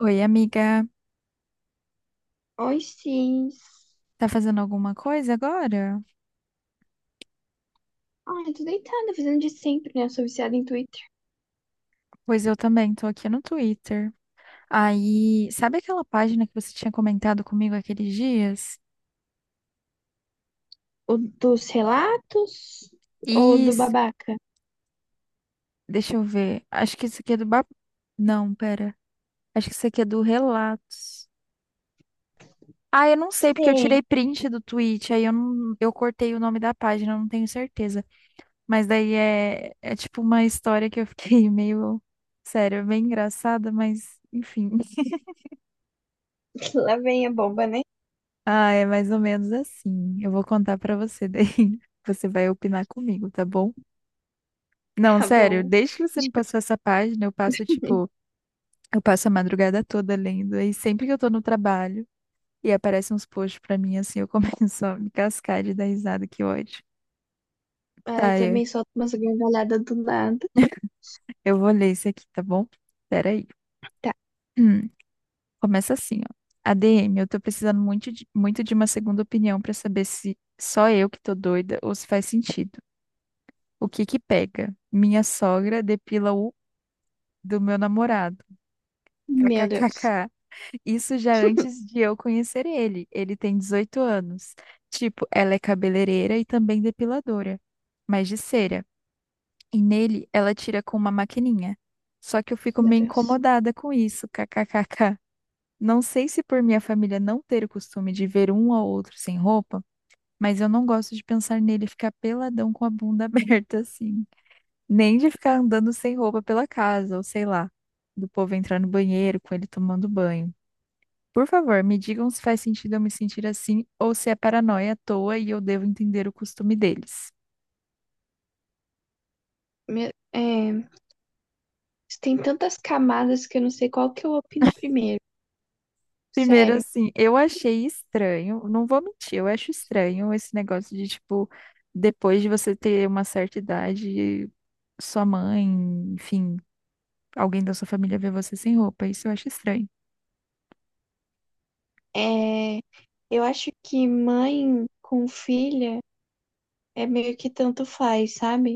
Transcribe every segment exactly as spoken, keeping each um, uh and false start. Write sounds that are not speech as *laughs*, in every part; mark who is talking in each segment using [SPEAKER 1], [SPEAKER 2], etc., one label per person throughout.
[SPEAKER 1] Oi, amiga.
[SPEAKER 2] Oi, Cis.
[SPEAKER 1] Tá fazendo alguma coisa agora?
[SPEAKER 2] Ai, tô deitada, fazendo de sempre, né? Eu sou viciada em Twitter.
[SPEAKER 1] Pois eu também, tô aqui no Twitter. Aí, sabe aquela página que você tinha comentado comigo aqueles dias?
[SPEAKER 2] O dos relatos ou do
[SPEAKER 1] Isso,
[SPEAKER 2] babaca?
[SPEAKER 1] deixa eu ver. Acho que isso aqui é do Bar... Não, pera. Acho que isso aqui é do Relatos. Ah, eu não sei, porque eu
[SPEAKER 2] Sei,
[SPEAKER 1] tirei print do tweet, aí eu, não... eu cortei o nome da página, eu não tenho certeza. Mas daí é, é tipo uma história que eu fiquei *laughs* meio... Sério, é bem engraçada, mas enfim.
[SPEAKER 2] *laughs* lá vem a bomba, né? *laughs*
[SPEAKER 1] Ah, é mais ou menos assim. Eu vou contar pra você daí. *laughs* Você vai opinar comigo, tá bom? Não,
[SPEAKER 2] Tá
[SPEAKER 1] sério,
[SPEAKER 2] bom.
[SPEAKER 1] desde que você me passou essa página, eu passo tipo, eu passo a madrugada toda lendo. E sempre que eu tô no trabalho e aparecem uns posts pra mim assim, eu *laughs* começo a me cascar de dar risada, que ódio.
[SPEAKER 2] Ai, eu
[SPEAKER 1] Tá, eu,
[SPEAKER 2] também solto umas gargalhadas do nada.
[SPEAKER 1] eu vou ler isso aqui, tá bom? Peraí.
[SPEAKER 2] Tá.
[SPEAKER 1] Hum, *clears throat* começa assim, ó. A D M, eu tô precisando muito de, muito de uma segunda opinião pra saber se só eu que tô doida ou se faz sentido. O que que pega? Minha sogra depila o do meu namorado.
[SPEAKER 2] Meu Deus.
[SPEAKER 1] KKKK. Isso já antes
[SPEAKER 2] *laughs*
[SPEAKER 1] de eu conhecer ele. Ele tem dezoito anos. Tipo, ela é cabeleireira e também depiladora, mas de cera. E nele ela tira com uma maquininha. Só que eu fico
[SPEAKER 2] Meu
[SPEAKER 1] meio
[SPEAKER 2] Deus.
[SPEAKER 1] incomodada com isso. KKKK. Não sei se por minha família não ter o costume de ver um ao outro sem roupa, mas eu não gosto de pensar nele ficar peladão com a bunda *laughs* aberta assim. Nem de ficar andando sem roupa pela casa, ou sei lá, do povo entrar no banheiro com ele tomando banho. Por favor, me digam se faz sentido eu me sentir assim ou se é paranoia à toa e eu devo entender o costume deles.
[SPEAKER 2] Meu... É... isso tem tantas camadas que eu não sei qual que eu opino primeiro.
[SPEAKER 1] Primeiro,
[SPEAKER 2] Sério.
[SPEAKER 1] assim, eu achei estranho, não vou mentir, eu acho estranho esse negócio de, tipo, depois de você ter uma certa idade, sua mãe, enfim, alguém da sua família vê você sem roupa. Isso eu acho estranho.
[SPEAKER 2] É... Eu acho que mãe com filha é meio que tanto faz, sabe?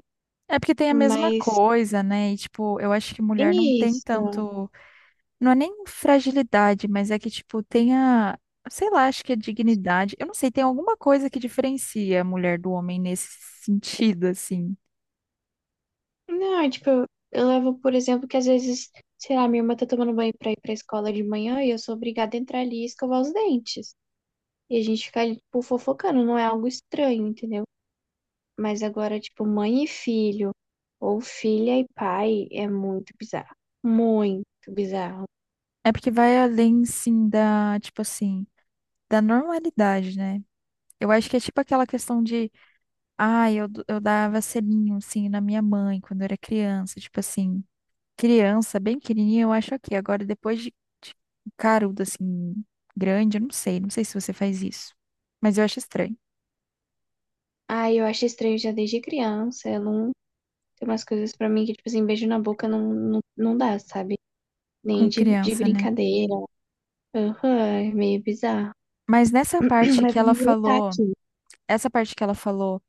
[SPEAKER 1] É porque tem a mesma
[SPEAKER 2] Mas
[SPEAKER 1] coisa, né? E, tipo, eu acho que mulher não tem
[SPEAKER 2] Isso.
[SPEAKER 1] tanto. Não é nem fragilidade, mas é que, tipo, tenha, sei lá, acho que é dignidade. Eu não sei, tem alguma coisa que diferencia a mulher do homem nesse sentido, assim.
[SPEAKER 2] Não, é tipo, eu levo, por exemplo, que às vezes, sei lá, minha irmã tá tomando banho pra ir pra escola de manhã e eu sou obrigada a entrar ali e escovar os dentes. E a gente fica ali, tipo, fofocando, não é algo estranho, entendeu? Mas agora, tipo, mãe e filho, ou filha e pai, é muito bizarro. Muito bizarro.
[SPEAKER 1] É porque vai além, sim, da, tipo assim, da normalidade, né? Eu acho que é tipo aquela questão de, ah, eu, d- eu dava selinho, assim, na minha mãe quando eu era criança. Tipo assim, criança, bem pequenininha, eu acho ok. Agora, depois de, de carudo, assim, grande, eu não sei. Não sei se você faz isso. Mas eu acho estranho.
[SPEAKER 2] Ah, eu acho estranho já desde criança. Eu não. Tem umas coisas pra mim que, tipo assim, beijo na boca não, não, não dá, sabe?
[SPEAKER 1] Com
[SPEAKER 2] Nem de, de
[SPEAKER 1] criança, né?
[SPEAKER 2] brincadeira. Aham, é meio bizarro.
[SPEAKER 1] Mas nessa
[SPEAKER 2] *clears throat*
[SPEAKER 1] parte
[SPEAKER 2] Mas
[SPEAKER 1] que ela
[SPEAKER 2] vamos voltar
[SPEAKER 1] falou,
[SPEAKER 2] aqui.
[SPEAKER 1] essa parte que ela falou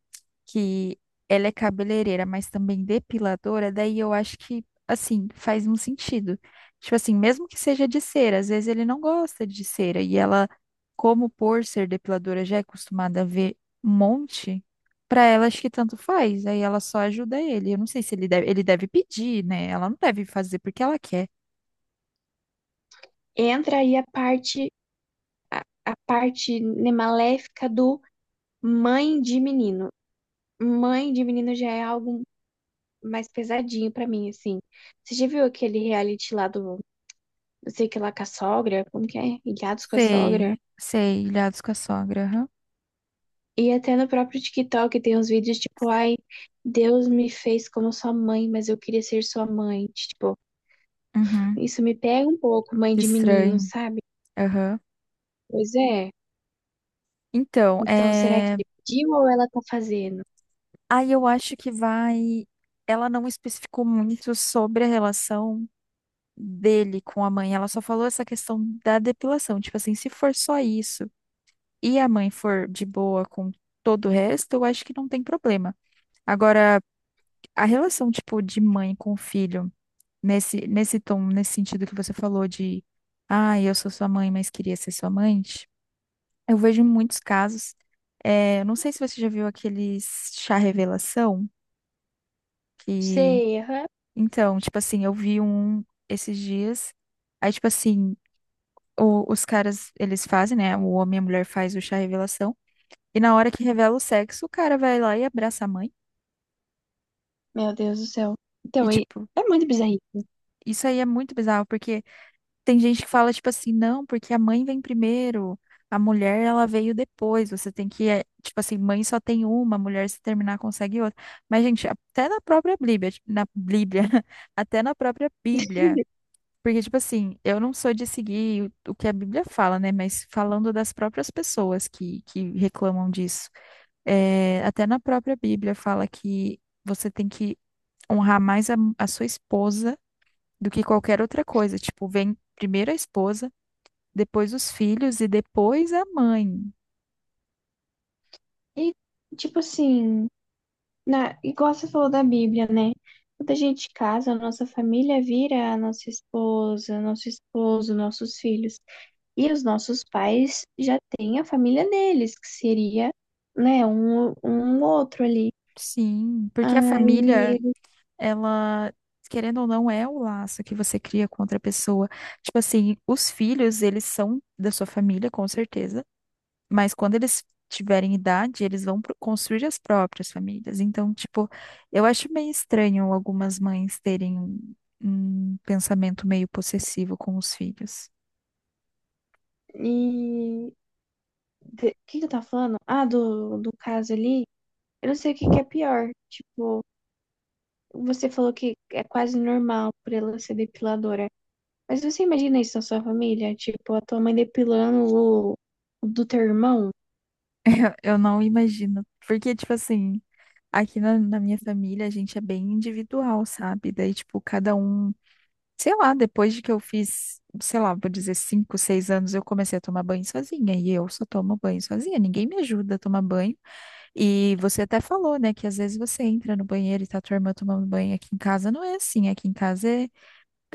[SPEAKER 1] que ela é cabeleireira, mas também depiladora, daí eu acho que, assim, faz um sentido. Tipo assim, mesmo que seja de cera, às vezes ele não gosta de cera, e ela, como por ser depiladora, já é acostumada a ver um monte, pra ela acho que tanto faz, aí ela só ajuda ele. Eu não sei se ele deve, ele deve pedir, né? Ela não deve fazer porque ela quer.
[SPEAKER 2] Entra aí a parte, a, a parte, né, maléfica do mãe de menino. Mãe de menino já é algo mais pesadinho pra mim, assim. Você já viu aquele reality lá do, não sei o que lá, com a sogra? Como que é? Ilhados com a sogra?
[SPEAKER 1] Sei, sei, ilhados com a sogra, aham.
[SPEAKER 2] E até no próprio TikTok tem uns vídeos tipo, ai, Deus me fez como sua mãe, mas eu queria ser sua mãe. Tipo,
[SPEAKER 1] Uhum.
[SPEAKER 2] isso me pega um pouco, mãe
[SPEAKER 1] Que
[SPEAKER 2] de menino,
[SPEAKER 1] estranho.
[SPEAKER 2] sabe?
[SPEAKER 1] Aham.
[SPEAKER 2] Pois é.
[SPEAKER 1] Então,
[SPEAKER 2] Então, será que
[SPEAKER 1] é...
[SPEAKER 2] ele pediu ou ela tá fazendo?
[SPEAKER 1] aí eu acho que vai. Ela não especificou muito sobre a relação dele com a mãe. Ela só falou essa questão da depilação. Tipo assim, se for só isso e a mãe for de boa com todo o resto, eu acho que não tem problema. Agora, a relação, tipo, de mãe com filho, nesse, nesse tom, nesse sentido que você falou de, ah, eu sou sua mãe, mas queria ser sua mãe, eu vejo muitos casos. É, eu não sei se você já viu aqueles chá revelação. Que,
[SPEAKER 2] Sei, aham.
[SPEAKER 1] então, tipo assim, eu vi um esses dias. Aí, tipo assim, o- os caras, eles fazem, né? O homem e a mulher faz o chá revelação. E na hora que revela o sexo, o cara vai lá e abraça a mãe.
[SPEAKER 2] Meu Deus do céu.
[SPEAKER 1] E,
[SPEAKER 2] Então, e
[SPEAKER 1] tipo,
[SPEAKER 2] é muito bizarro.
[SPEAKER 1] isso aí é muito bizarro, porque tem gente que fala, tipo assim, não, porque a mãe vem primeiro, a mulher, ela veio depois. Você tem que, é, tipo assim, mãe só tem uma, mulher se terminar consegue outra. Mas, gente, até na própria Bíblia, na Bíblia, *laughs* até na própria Bíblia. Porque, tipo assim, eu não sou de seguir o, o que a Bíblia fala, né? Mas falando das próprias pessoas que, que reclamam disso. É, até na própria Bíblia fala que você tem que honrar mais a, a sua esposa do que qualquer outra coisa. Tipo, vem primeiro a esposa, depois os filhos e depois a mãe.
[SPEAKER 2] E, tipo assim, na, igual você falou da Bíblia, né? Quando a gente casa, a nossa família vira a nossa esposa, nosso esposo, nossos filhos. E os nossos pais já têm a família deles, que seria, né, um, um outro ali.
[SPEAKER 1] Sim, porque a família,
[SPEAKER 2] Aí,
[SPEAKER 1] ela, querendo ou não, é o laço que você cria com outra pessoa. Tipo assim, os filhos, eles são da sua família, com certeza. Mas quando eles tiverem idade, eles vão pro- construir as próprias famílias. Então, tipo, eu acho meio estranho algumas mães terem um um pensamento meio possessivo com os filhos.
[SPEAKER 2] e... de- O que que eu tava falando? Ah, do, do caso ali. Eu não sei o que que é pior. Tipo, você falou que é quase normal por ela ser depiladora. Mas você imagina isso na sua família? Tipo, a tua mãe depilando o, o do teu irmão?
[SPEAKER 1] Eu não imagino. Porque, tipo assim, aqui na, na minha família, a gente é bem individual, sabe? Daí, tipo, cada um, sei lá, depois de que eu fiz, sei lá, vou dizer cinco, seis anos, eu comecei a tomar banho sozinha. E eu só tomo banho sozinha, ninguém me ajuda a tomar banho. E você até falou, né, que às vezes você entra no banheiro e tá tua irmã tomando banho. Aqui em casa não é assim, aqui em casa é,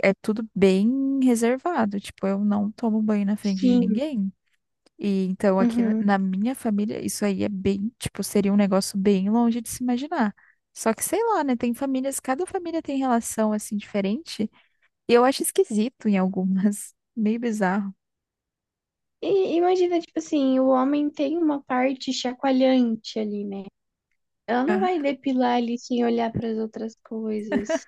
[SPEAKER 1] é tudo bem reservado. Tipo, eu não tomo banho na frente de
[SPEAKER 2] Sim,
[SPEAKER 1] ninguém. E então aqui
[SPEAKER 2] uhum.
[SPEAKER 1] na minha família, isso aí é bem, tipo, seria um negócio bem longe de se imaginar. Só que sei lá, né? Tem famílias, cada família tem relação assim diferente. E eu acho esquisito em algumas, *laughs* meio bizarro.
[SPEAKER 2] E imagina, tipo assim, o homem tem uma parte chacoalhante ali, né? Ela não vai depilar ali sem olhar para as outras coisas,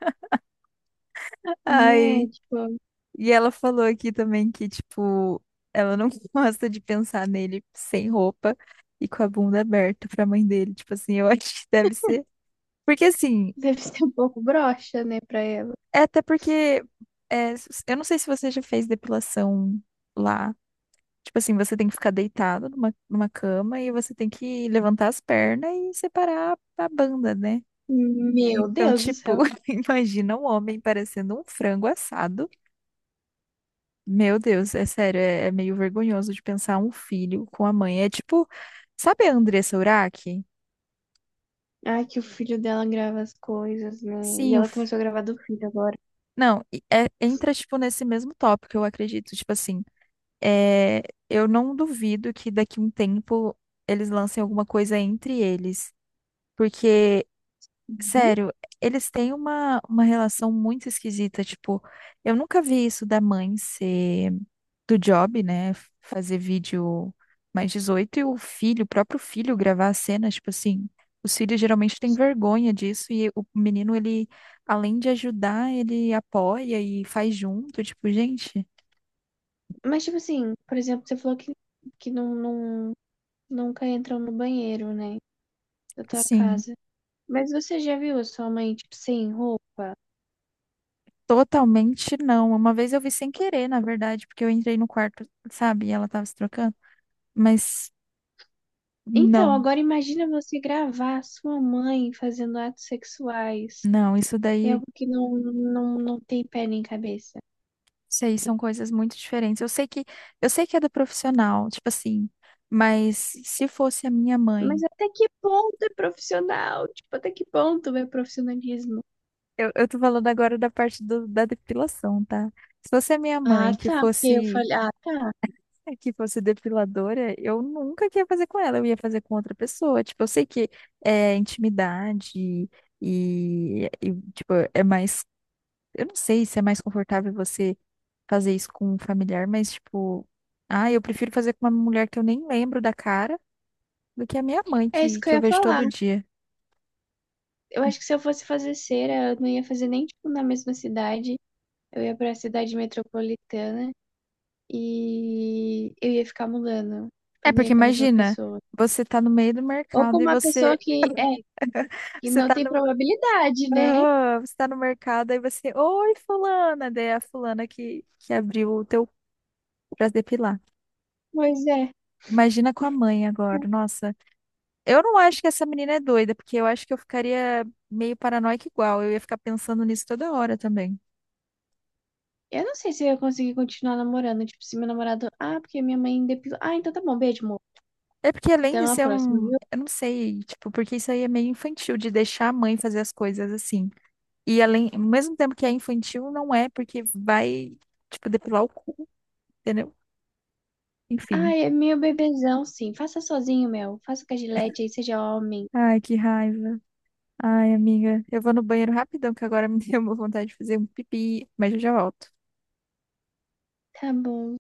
[SPEAKER 2] né?
[SPEAKER 1] Ai,
[SPEAKER 2] Tipo,
[SPEAKER 1] e ela falou aqui também que, tipo, ela não *laughs* gosta de pensar nele sem roupa e com a bunda aberta pra mãe dele. Tipo assim, eu *laughs* acho que deve ser. Porque assim,
[SPEAKER 2] deve ser um pouco broxa, né, pra ela.
[SPEAKER 1] é até porque é, eu não sei se você já fez depilação lá. Tipo assim, você tem que ficar deitado numa, numa cama e você tem que levantar as pernas e separar a banda, né?
[SPEAKER 2] Meu
[SPEAKER 1] Então,
[SPEAKER 2] Deus do
[SPEAKER 1] tipo,
[SPEAKER 2] céu.
[SPEAKER 1] *laughs* imagina um homem parecendo um frango assado. Meu Deus, é sério, é, é meio vergonhoso de pensar um filho com a mãe. É tipo, sabe a Andressa Urach?
[SPEAKER 2] Ai, que o filho dela grava as coisas, né? E
[SPEAKER 1] Sim, o
[SPEAKER 2] ela
[SPEAKER 1] f-
[SPEAKER 2] começou a gravar do filho agora.
[SPEAKER 1] não, e- é- entra, tipo, nesse mesmo tópico, eu acredito. Tipo assim, é, eu não duvido que daqui um tempo eles lancem alguma coisa entre eles. Porque sério, eles têm uma, uma relação muito esquisita. Tipo, eu nunca vi isso da mãe ser do job, né? Fazer vídeo mais dezoito e o filho, o próprio filho, gravar a cena. Tipo assim, os filhos geralmente têm vergonha disso e o menino, ele, além de ajudar, ele apoia e faz junto. Tipo, gente,
[SPEAKER 2] Mas, tipo assim, por exemplo, você falou que, que não, não, nunca entram no banheiro, né? Da tua
[SPEAKER 1] sim,
[SPEAKER 2] casa. Mas você já viu a sua mãe, tipo, sem roupa?
[SPEAKER 1] totalmente não. Uma vez eu vi sem querer, na verdade, porque eu entrei no quarto, sabe? E ela tava se trocando. Mas.
[SPEAKER 2] Então,
[SPEAKER 1] Não,
[SPEAKER 2] agora imagina você gravar a sua mãe fazendo atos sexuais.
[SPEAKER 1] não, isso
[SPEAKER 2] É
[SPEAKER 1] daí.
[SPEAKER 2] algo que não, não, não tem pé nem cabeça.
[SPEAKER 1] Sei, são coisas muito diferentes. Eu sei que eu sei que é do profissional, tipo assim, mas se fosse a minha
[SPEAKER 2] Mas
[SPEAKER 1] mãe,
[SPEAKER 2] até que ponto é profissional? Tipo, até que ponto é profissionalismo?
[SPEAKER 1] eu, eu tô falando agora da parte do- da depilação, tá? Se fosse a minha
[SPEAKER 2] Ah,
[SPEAKER 1] mãe que
[SPEAKER 2] tá. Porque eu
[SPEAKER 1] fosse
[SPEAKER 2] falei, ah, tá.
[SPEAKER 1] que fosse depiladora, eu nunca que ia fazer com ela, eu ia fazer com outra pessoa. Tipo, eu sei que é intimidade e, e tipo, é mais, eu não sei se é mais confortável você fazer isso com um familiar, mas tipo, ah, eu prefiro fazer com uma mulher que eu nem lembro da cara do que a minha mãe,
[SPEAKER 2] É isso
[SPEAKER 1] que,
[SPEAKER 2] que
[SPEAKER 1] que
[SPEAKER 2] eu
[SPEAKER 1] eu
[SPEAKER 2] ia
[SPEAKER 1] vejo
[SPEAKER 2] falar.
[SPEAKER 1] todo dia.
[SPEAKER 2] Eu acho que se eu fosse fazer cera, eu não ia fazer nem, tipo, na mesma cidade. Eu ia pra cidade metropolitana e eu ia ficar mudando. Tipo, eu
[SPEAKER 1] É,
[SPEAKER 2] não
[SPEAKER 1] porque
[SPEAKER 2] ia com a mesma
[SPEAKER 1] imagina,
[SPEAKER 2] pessoa.
[SPEAKER 1] você tá no meio do
[SPEAKER 2] Ou com
[SPEAKER 1] mercado e
[SPEAKER 2] uma pessoa
[SPEAKER 1] você,
[SPEAKER 2] que é,
[SPEAKER 1] *laughs*
[SPEAKER 2] que
[SPEAKER 1] você
[SPEAKER 2] não
[SPEAKER 1] tá
[SPEAKER 2] tem
[SPEAKER 1] no,
[SPEAKER 2] probabilidade, né?
[SPEAKER 1] aham, você tá no mercado e você, oi, fulana, daí é a fulana que, que abriu o teu pra depilar.
[SPEAKER 2] Pois é.
[SPEAKER 1] Imagina com a mãe agora, nossa. Eu não acho que essa menina é doida, porque eu acho que eu ficaria meio paranoica igual, eu ia ficar pensando nisso toda hora também.
[SPEAKER 2] Eu não sei se eu ia conseguir continuar namorando. Tipo, se meu namorado. Ah, porque minha mãe depilou. Ah, então tá bom. Beijo, amor.
[SPEAKER 1] É porque além
[SPEAKER 2] Até
[SPEAKER 1] de
[SPEAKER 2] uma
[SPEAKER 1] ser
[SPEAKER 2] próxima,
[SPEAKER 1] um,
[SPEAKER 2] viu?
[SPEAKER 1] eu não sei, tipo, porque isso aí é meio infantil de deixar a mãe fazer as coisas assim. E além, ao mesmo tempo que é infantil, não é, porque vai, tipo, depilar o cu, entendeu?
[SPEAKER 2] Ah,
[SPEAKER 1] Enfim.
[SPEAKER 2] é meu bebezão, sim. Faça sozinho, meu. Faça com a Gillette aí, seja homem.
[SPEAKER 1] Ai, que raiva. Ai, amiga, eu vou no banheiro rapidão, que agora *laughs* me deu uma vontade de fazer um pipi, mas eu já volto.
[SPEAKER 2] Tá bom.